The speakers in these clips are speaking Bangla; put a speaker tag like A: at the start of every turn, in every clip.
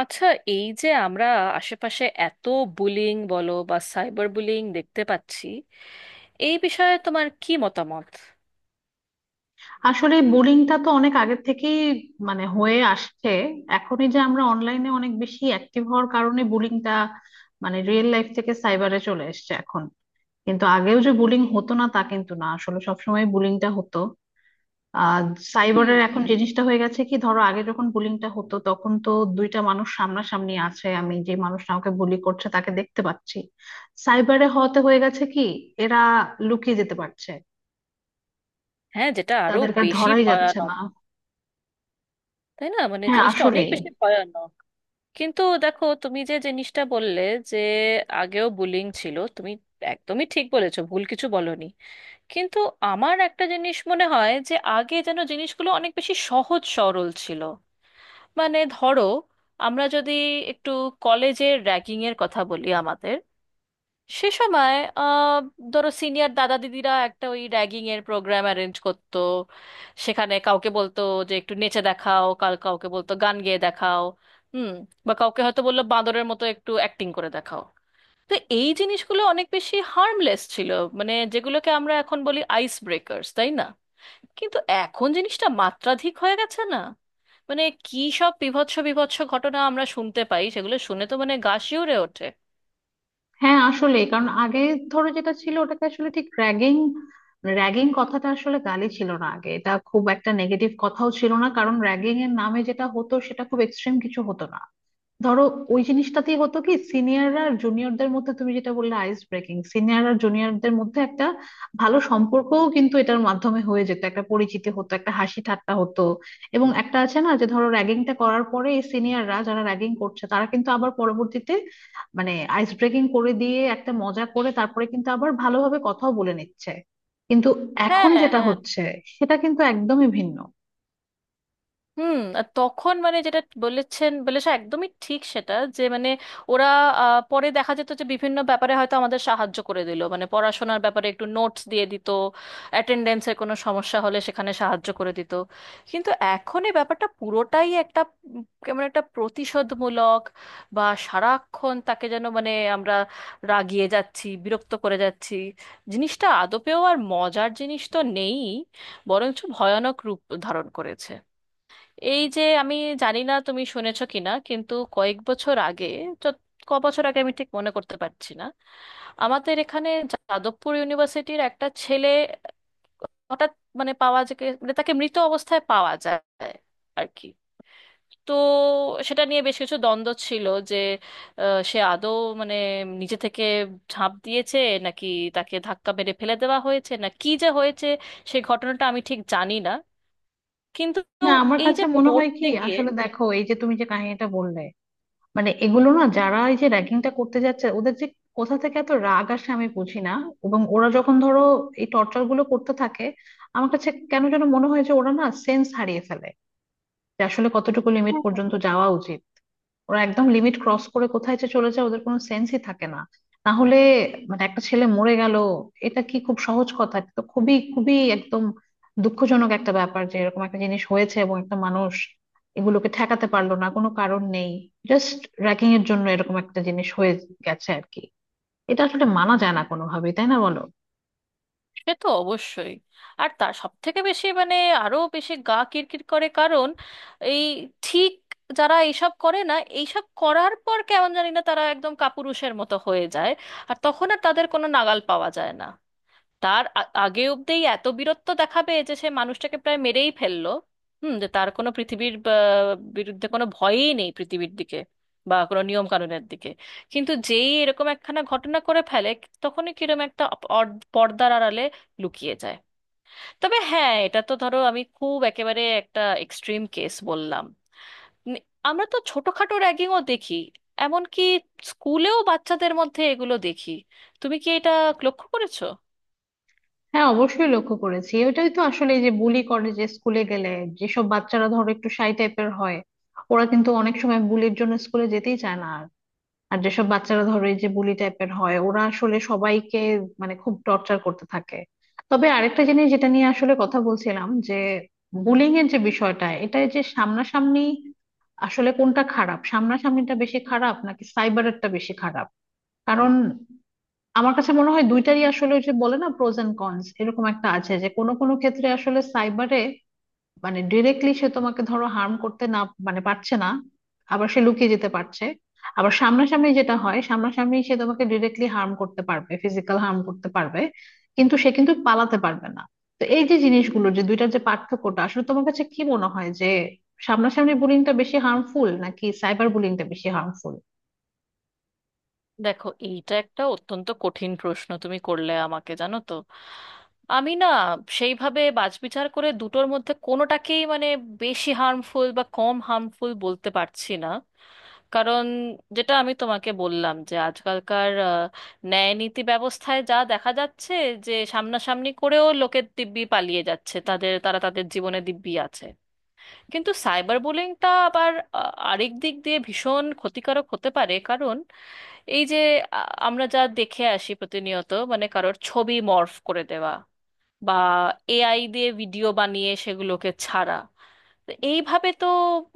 A: আচ্ছা, এই যে আমরা আশেপাশে এত বুলিং বলো বা সাইবার বুলিং দেখতে পাচ্ছি, এই বিষয়ে তোমার কি মতামত?
B: আসলে বুলিংটা তো অনেক আগের থেকেই মানে হয়ে আসছে। এখনই যে আমরা অনলাইনে অনেক বেশি অ্যাক্টিভ হওয়ার কারণে বুলিংটা মানে রিয়েল লাইফ থেকে সাইবারে চলে এসেছে এখন। কিন্তু আগেও যে বুলিং হতো না তা কিন্তু না, আসলে সবসময় বুলিংটা হতো। আর সাইবারের
A: হুম।
B: এখন জিনিসটা হয়ে গেছে কি, ধরো আগে যখন বুলিংটা হতো তখন তো দুইটা মানুষ সামনাসামনি আছে, আমি যে মানুষটা আমাকে বুলি করছে তাকে দেখতে পাচ্ছি। সাইবারে হওয়াতে হয়ে গেছে কি, এরা লুকিয়ে যেতে পারছে,
A: হ্যাঁ, যেটা আরো
B: তাদেরকে আর
A: বেশি
B: ধরাই যাচ্ছে
A: ভয়ানক।
B: না।
A: তাই না? মানে
B: হ্যাঁ
A: জিনিসটা অনেক
B: আসলেই।
A: বেশি ভয়ানক। কিন্তু দেখো, তুমি যে জিনিসটা বললে যে আগেও বুলিং ছিল, তুমি একদমই ঠিক বলেছো, ভুল কিছু বলনি। কিন্তু আমার একটা জিনিস মনে হয় যে আগে যেন জিনিসগুলো অনেক বেশি সহজ সরল ছিল। মানে ধরো, আমরা যদি একটু কলেজের র্যাগিং এর কথা বলি, আমাদের সে সময় ধরো সিনিয়র দাদা দিদিরা একটা ওই র্যাগিং এর প্রোগ্রাম অ্যারেঞ্জ করতো। সেখানে কাউকে বলতো যে একটু নেচে দেখাও, কাল কাউকে বলতো গান গেয়ে দেখাও। হুম। বা কাউকে হয়তো বললো বাঁদরের মতো একটু অ্যাক্টিং করে দেখাও। তো এই জিনিসগুলো অনেক বেশি হার্মলেস ছিল, মানে যেগুলোকে আমরা এখন বলি আইস ব্রেকার্স, তাই না? কিন্তু এখন জিনিসটা মাত্রাধিক হয়ে গেছে না? মানে কি সব বীভৎস বীভৎস ঘটনা আমরা শুনতে পাই, সেগুলো শুনে তো মানে গা শিউরে ওঠে।
B: হ্যাঁ আসলে কারণ আগে ধরো যেটা ছিল ওটাকে আসলে ঠিক র্যাগিং। র্যাগিং কথাটা আসলে গালি ছিল না আগে, এটা খুব একটা নেগেটিভ কথাও ছিল না, কারণ র্যাগিং এর নামে যেটা হতো সেটা খুব এক্সট্রিম কিছু হতো না। ধরো ওই জিনিসটাতেই হতো কি সিনিয়ররা আর জুনিয়রদের মধ্যে, তুমি যেটা বললে আইস ব্রেকিং, সিনিয়র আর জুনিয়রদের মধ্যে একটা ভালো সম্পর্কও কিন্তু এটার মাধ্যমে হয়ে যেত, একটা পরিচিতি হতো, একটা হাসি ঠাট্টা হতো। এবং একটা আছে না যে ধরো র্যাগিংটা করার পরে এই সিনিয়ররা যারা র্যাগিং করছে তারা কিন্তু আবার পরবর্তীতে মানে আইস ব্রেকিং করে দিয়ে একটা মজা করে তারপরে কিন্তু আবার ভালোভাবে কথাও বলে নিচ্ছে। কিন্তু
A: হ্যাঁ,
B: এখন যেটা
A: হ্যাঁ।
B: হচ্ছে সেটা কিন্তু একদমই ভিন্ন।
A: হুম, আর তখন মানে যেটা বলেছেন বলেছে একদমই ঠিক, সেটা যে মানে ওরা পরে দেখা যেত যে বিভিন্ন ব্যাপারে হয়তো আমাদের সাহায্য করে দিল, মানে পড়াশোনার ব্যাপারে একটু নোটস দিয়ে দিত, অ্যাটেন্ডেন্সের কোনো সমস্যা হলে সেখানে সাহায্য করে দিত। কিন্তু এখন এই ব্যাপারটা পুরোটাই একটা কেমন একটা প্রতিশোধমূলক, বা সারাক্ষণ তাকে যেন মানে আমরা রাগিয়ে যাচ্ছি, বিরক্ত করে যাচ্ছি। জিনিসটা আদপেও আর মজার জিনিস তো নেই, বরঞ্চ ভয়ানক রূপ ধারণ করেছে। এই যে আমি জানি না তুমি শুনেছো কিনা, কিন্তু কয়েক বছর আগে, যত- ক বছর আগে আমি ঠিক মনে করতে পারছি না, আমাদের এখানে যাদবপুর ইউনিভার্সিটির একটা ছেলে হঠাৎ মানে পাওয়া যায়, মানে তাকে মৃত অবস্থায় পাওয়া যায় আর কি। তো সেটা নিয়ে বেশ কিছু দ্বন্দ্ব ছিল যে সে আদৌ মানে নিজে থেকে ঝাঁপ দিয়েছে, নাকি তাকে ধাক্কা মেরে ফেলে দেওয়া হয়েছে, না কি যে হয়েছে সেই ঘটনাটা আমি ঠিক জানি না। কিন্তু
B: না, আমার
A: এই
B: কাছে
A: যে
B: মনে হয় কি
A: পড়তে গিয়ে,
B: আসলে, দেখো এই যে তুমি যে কাহিনীটা বললে, মানে এগুলো না, যারা এই যে র্যাগিংটা করতে যাচ্ছে ওদের যে কোথা থেকে এত রাগ আসে আমি বুঝি না। এবং ওরা যখন ধরো এই টর্চার গুলো করতে থাকে, আমার কাছে কেন যেন মনে হয় যে ওরা না সেন্স হারিয়ে ফেলে, যে আসলে কতটুকু লিমিট পর্যন্ত যাওয়া উচিত। ওরা একদম লিমিট ক্রস করে কোথায় যে চলে যায় ওদের কোনো সেন্সই থাকে না। না হলে মানে একটা ছেলে মরে গেল, এটা কি খুব সহজ কথা, তো খুবই খুবই একদম দুঃখজনক একটা ব্যাপার যে এরকম একটা জিনিস হয়েছে এবং একটা মানুষ এগুলোকে ঠেকাতে পারলো না। কোনো কারণ নেই, জাস্ট র্যাগিং এর জন্য এরকম একটা জিনিস হয়ে গেছে আর কি। এটা আসলে মানা যায় না কোনোভাবেই, তাই না বলো?
A: সে তো অবশ্যই। আর তার সব থেকে বেশি মানে আরো বেশি গা কিরকির করে, কারণ এই ঠিক যারা এইসব করে না, এইসব করার পর কেমন জানি না তারা একদম কাপুরুষের মতো হয়ে যায়। আর তখন আর তাদের কোনো নাগাল পাওয়া যায় না। তার আগে অব্দি এত বীরত্ব দেখাবে যে সে মানুষটাকে প্রায় মেরেই ফেললো। হুম। যে তার কোনো পৃথিবীর বিরুদ্ধে কোনো ভয়ই নেই, পৃথিবীর দিকে বা কোনো নিয়ম কানুনের দিকে। কিন্তু যেই এরকম একখানা ঘটনা করে ফেলে, তখনই কিরকম একটা পর্দার আড়ালে লুকিয়ে যায়। তবে হ্যাঁ, এটা তো ধরো আমি খুব একেবারে একটা এক্সট্রিম কেস বললাম। নি- আমরা তো ছোটখাটো র্যাগিংও দেখি, এমনকি স্কুলেও বাচ্চাদের মধ্যে এগুলো দেখি। তুমি কি এটা লক্ষ্য করেছো?
B: হ্যাঁ অবশ্যই লক্ষ্য করেছি, ওইটাই তো আসলে এই যে বুলি করে, যে স্কুলে গেলে যেসব বাচ্চারা ধরো একটু শাই টাইপের হয় ওরা কিন্তু অনেক সময় বুলির জন্য স্কুলে যেতেই চায় না। আর যেসব বাচ্চারা ধরো এই যে বুলি টাইপের হয় ওরা আসলে সবাইকে মানে খুব টর্চার করতে থাকে। তবে আরেকটা জিনিস যেটা নিয়ে আসলে কথা বলছিলাম, যে বুলিং এর যে বিষয়টা এটা যে সামনাসামনি, আসলে কোনটা খারাপ, সামনাসামনিটা বেশি খারাপ নাকি সাইবারেরটা বেশি খারাপ? কারণ আমার কাছে মনে হয় দুইটারই আসলে ওই যে বলে না প্রোজ এন্ড কনস, এরকম একটা আছে যে কোনো কোনো ক্ষেত্রে আসলে সাইবারে মানে ডিরেক্টলি সে তোমাকে ধরো হার্ম করতে না মানে পারছে না, আবার সে লুকিয়ে যেতে পারছে। আবার সামনাসামনি যেটা হয়, সামনাসামনি সে তোমাকে ডিরেক্টলি হার্ম করতে পারবে, ফিজিক্যাল হার্ম করতে পারবে, কিন্তু সে কিন্তু পালাতে পারবে না। তো এই যে জিনিসগুলো যে দুইটার যে পার্থক্যটা, আসলে তোমার কাছে কি মনে হয় যে সামনাসামনি বুলিংটা বেশি হার্মফুল নাকি সাইবার বুলিংটা বেশি হার্মফুল?
A: দেখো, এইটা একটা অত্যন্ত কঠিন প্রশ্ন তুমি করলে আমাকে, জানো তো। আমি না সেইভাবে বাছবিচার করে দুটোর মধ্যে কোনোটাকেই মানে বেশি হার্মফুল বা কম হার্মফুল বলতে পারছি না। কারণ যেটা আমি তোমাকে বললাম যে আজকালকার ন্যায় নীতি ব্যবস্থায় যা দেখা যাচ্ছে যে সামনাসামনি করেও লোকের দিব্যি পালিয়ে যাচ্ছে, তাদের তারা তাদের জীবনে দিব্যি আছে। কিন্তু সাইবার বুলিংটা আবার আরেক দিক দিয়ে ভীষণ ক্ষতিকারক হতে পারে, কারণ এই যে আ- আমরা যা দেখে আসি প্রতিনিয়ত, মানে কারোর ছবি মর্ফ করে দেওয়া বা এআই দিয়ে ভিডিও বানিয়ে সেগুলোকে ছাড়া। তো এইভাবে তো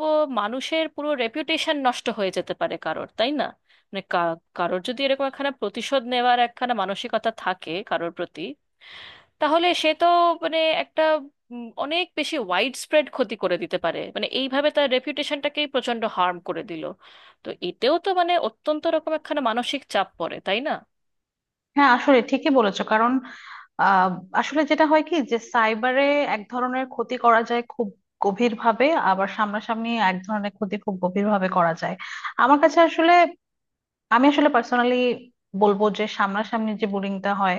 A: ও, মানুষের পুরো রেপুটেশন নষ্ট হয়ে যেতে পারে কারোর, তাই না? মানে কারোর যদি এরকম একখানা প্রতিশোধ নেওয়ার একখানা মানসিকতা থাকে কারোর প্রতি, তাহলে সে তো মানে একটা অনেক বেশি ওয়াইড স্প্রেড ক্ষতি করে দিতে পারে, মানে এইভাবে তার রেপিউটেশনটাকেই প্রচন্ড হার্ম করে দিল। তো এতেও তো মানে অত্যন্ত রকম একখানা মানসিক চাপ পড়ে, তাই না?
B: হ্যাঁ আসলে ঠিকই বলেছো কারণ আহ আসলে যেটা হয় কি যে সাইবারে এক ধরনের ক্ষতি করা যায় খুব গভীর ভাবে, আবার সামনাসামনি এক ধরনের ক্ষতি খুব গভীর ভাবে করা যায়। আমার কাছে আসলে, আমি আসলে পার্সোনালি বলবো যে সামনাসামনি যে বুলিংটা হয়,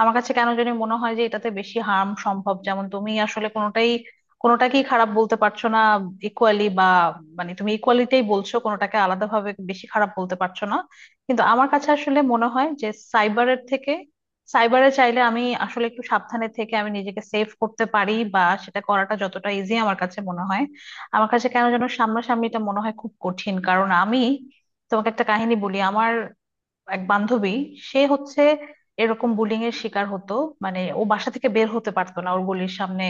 B: আমার কাছে কেন জানি মনে হয় যে এটাতে বেশি হার্ম সম্ভব। যেমন তুমি আসলে কোনোটাই, কোনোটাকেই খারাপ বলতে পারছো না, ইকুয়ালি বা মানে তুমি ইকুয়ালিটাই বলছো, কোনোটাকে আলাদাভাবে বেশি খারাপ বলতে পারছো না। কিন্তু আমার কাছে আসলে মনে হয় যে সাইবারের থেকে, সাইবারে চাইলে আমি আসলে একটু সাবধানে থেকে আমি নিজেকে সেভ করতে পারি, বা সেটা করাটা যতটা ইজি আমার কাছে মনে হয়, আমার কাছে কেন যেন সামনাসামনিটা মনে হয় খুব কঠিন। কারণ আমি তোমাকে একটা কাহিনী বলি, আমার এক বান্ধবী, সে হচ্ছে এরকম বুলিং এর শিকার হতো। মানে ও বাসা থেকে বের হতে পারতো না, ওর গলির সামনে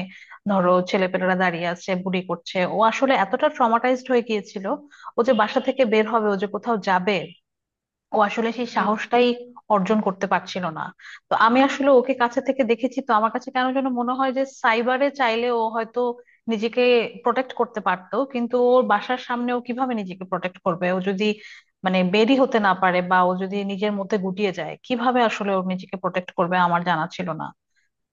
B: ধরো ছেলেপেলেরা দাঁড়িয়ে আছে বুড়ি করছে, ও আসলে এতটা ট্রমাটাইজড হয়ে গিয়েছিল, ও যে বাসা থেকে বের হবে, ও যে কোথাও যাবে, ও আসলে সেই
A: হুম,
B: সাহসটাই অর্জন করতে পারছিল না। তো আমি আসলে ওকে কাছে থেকে দেখেছি, তো আমার কাছে কেন যেন মনে হয় যে সাইবারে চাইলে ও হয়তো নিজেকে প্রোটেক্ট করতে পারতো, কিন্তু ওর বাসার সামনে ও কিভাবে নিজেকে প্রোটেক্ট করবে, ও যদি মানে বেরি হতে না পারে বা ও যদি নিজের মধ্যে গুটিয়ে যায় কিভাবে আসলে ও নিজেকে প্রোটেক্ট করবে আমার জানা ছিল না।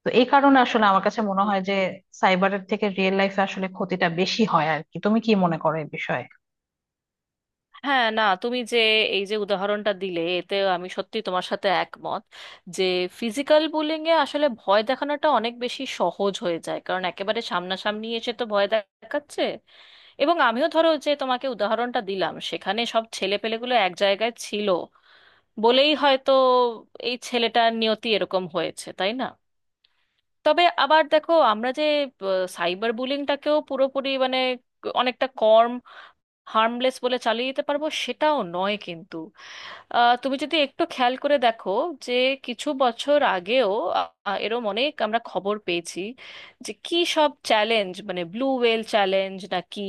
B: তো এই কারণে আসলে আমার কাছে মনে
A: হুম।
B: হয় যে সাইবারের থেকে রিয়েল লাইফে আসলে ক্ষতিটা বেশি হয় আর কি। তুমি কি মনে করো এই বিষয়ে?
A: হ্যাঁ, না তুমি যে এই যে উদাহরণটা দিলে, এতে আমি সত্যি তোমার সাথে একমত, যে ফিজিক্যাল বুলিং এ আসলে ভয় দেখানোটা অনেক বেশি সহজ হয়ে যায়, কারণ একেবারে সামনাসামনি এসে তো ভয় দেখাচ্ছে। এবং আমিও ধরো যে তোমাকে উদাহরণটা দিলাম, সেখানে সব ছেলেপেলেগুলো এক জায়গায় ছিল বলেই হয়তো এই ছেলেটার নিয়তি এরকম হয়েছে, তাই না? তবে আবার দেখো, আমরা যে সাইবার বুলিংটাকেও পুরোপুরি মানে অনেকটা কম হার্মলেস বলে চালিয়ে দিতে পারবো সেটাও নয় কিন্তু। তুমি যদি একটু খেয়াল করে দেখো যে কিছু বছর আগেও এরম অনেক আমরা খবর পেয়েছি যে কি সব চ্যালেঞ্জ, মানে ব্লু হোয়েল চ্যালেঞ্জ না কি,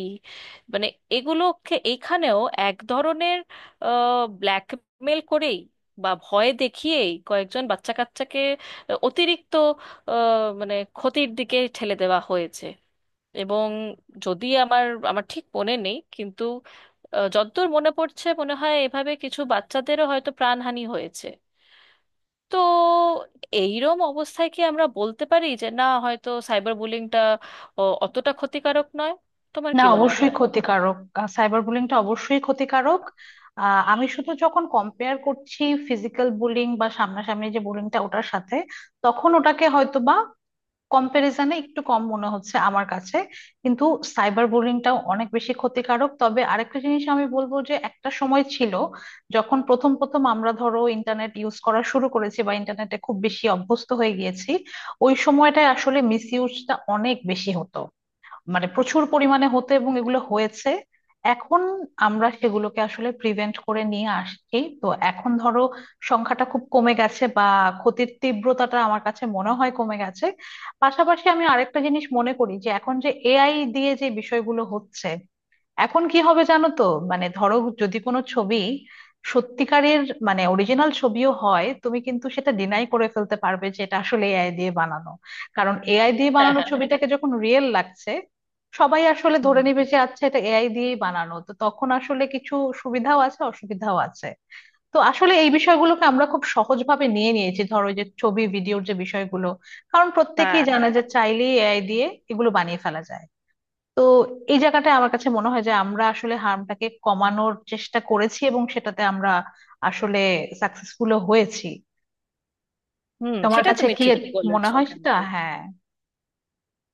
A: মানে এগুলোকে, এখানেও এক ধরনের ব্ল্যাকমেল করেই বা ভয় দেখিয়েই কয়েকজন বাচ্চা কাচ্চাকে অতিরিক্ত আহ, মানে ক্ষতির দিকে ঠেলে দেওয়া হয়েছে। এবং যদি আমার আমার ঠিক মনে নেই কিন্তু যতদূর মনে পড়ছে মনে হয় এভাবে কিছু বাচ্চাদেরও হয়তো প্রাণহানি হয়েছে। তো এইরম অবস্থায় কি আমরা বলতে পারি যে না, হয়তো সাইবার বুলিংটা অতটা ক্ষতিকারক নয়? তোমার
B: না
A: কি মনে
B: অবশ্যই
A: হয়?
B: ক্ষতিকারক, সাইবার বুলিংটা অবশ্যই ক্ষতিকারক। আমি শুধু যখন কম্পেয়ার করছি ফিজিক্যাল বুলিং বা সামনাসামনি যে বুলিংটা ওটার সাথে, তখন ওটাকে হয়তো বা কম্প্যারিজনে একটু কম মনে হচ্ছে আমার কাছে। কিন্তু সাইবার বুলিংটাও অনেক বেশি ক্ষতিকারক। তবে আরেকটা জিনিস আমি বলবো যে একটা সময় ছিল যখন প্রথম প্রথম আমরা ধরো ইন্টারনেট ইউজ করা শুরু করেছি বা ইন্টারনেটে খুব বেশি অভ্যস্ত হয়ে গিয়েছি, ওই সময়টায় আসলে মিস ইউজটা অনেক বেশি হতো, মানে প্রচুর পরিমাণে হতে এবং এগুলো হয়েছে। এখন আমরা সেগুলোকে আসলে প্রিভেন্ট করে নিয়ে আসছি, তো এখন ধরো সংখ্যাটা খুব কমে গেছে বা ক্ষতির তীব্রতাটা আমার কাছে মনে হয় কমে গেছে। পাশাপাশি আমি আরেকটা জিনিস মনে করি যে এখন যে এআই দিয়ে যে বিষয়গুলো হচ্ছে, এখন কি হবে জানো তো, মানে ধরো যদি কোনো ছবি সত্যিকারের মানে অরিজিনাল ছবিও হয় তুমি কিন্তু সেটা ডিনাই করে ফেলতে পারবে যে এটা আসলে এআই দিয়ে বানানো, কারণ এআই দিয়ে
A: হ্যাঁ,
B: বানানো
A: হ্যাঁ।
B: ছবিটাকে যখন রিয়েল লাগছে, সবাই আসলে
A: হুম,
B: ধরে নেবে যে আচ্ছা এটা এআই দিয়েই বানানো। তো তখন আসলে কিছু সুবিধাও আছে অসুবিধাও আছে। তো আসলে এই বিষয়গুলোকে আমরা খুব সহজভাবে নিয়ে নিয়েছি, ধরো এই যে ছবি ভিডিওর যে বিষয়গুলো, কারণ
A: হ্যাঁ,
B: প্রত্যেকেই জানে যে
A: হ্যাঁ।
B: চাইলেই এআই দিয়ে এগুলো বানিয়ে ফেলা যায়। তো এই জায়গাটায় আমার কাছে মনে হয় যে আমরা আসলে হার্মটাকে কমানোর চেষ্টা করেছি এবং সেটাতে আমরা আসলে সাকসেসফুলও হয়েছি।
A: হুম,
B: তোমার
A: সেটা
B: কাছে
A: তুমি
B: কি
A: ঠিক
B: মনে
A: বলেছো
B: হয় সেটা?
A: কিন্তু
B: হ্যাঁ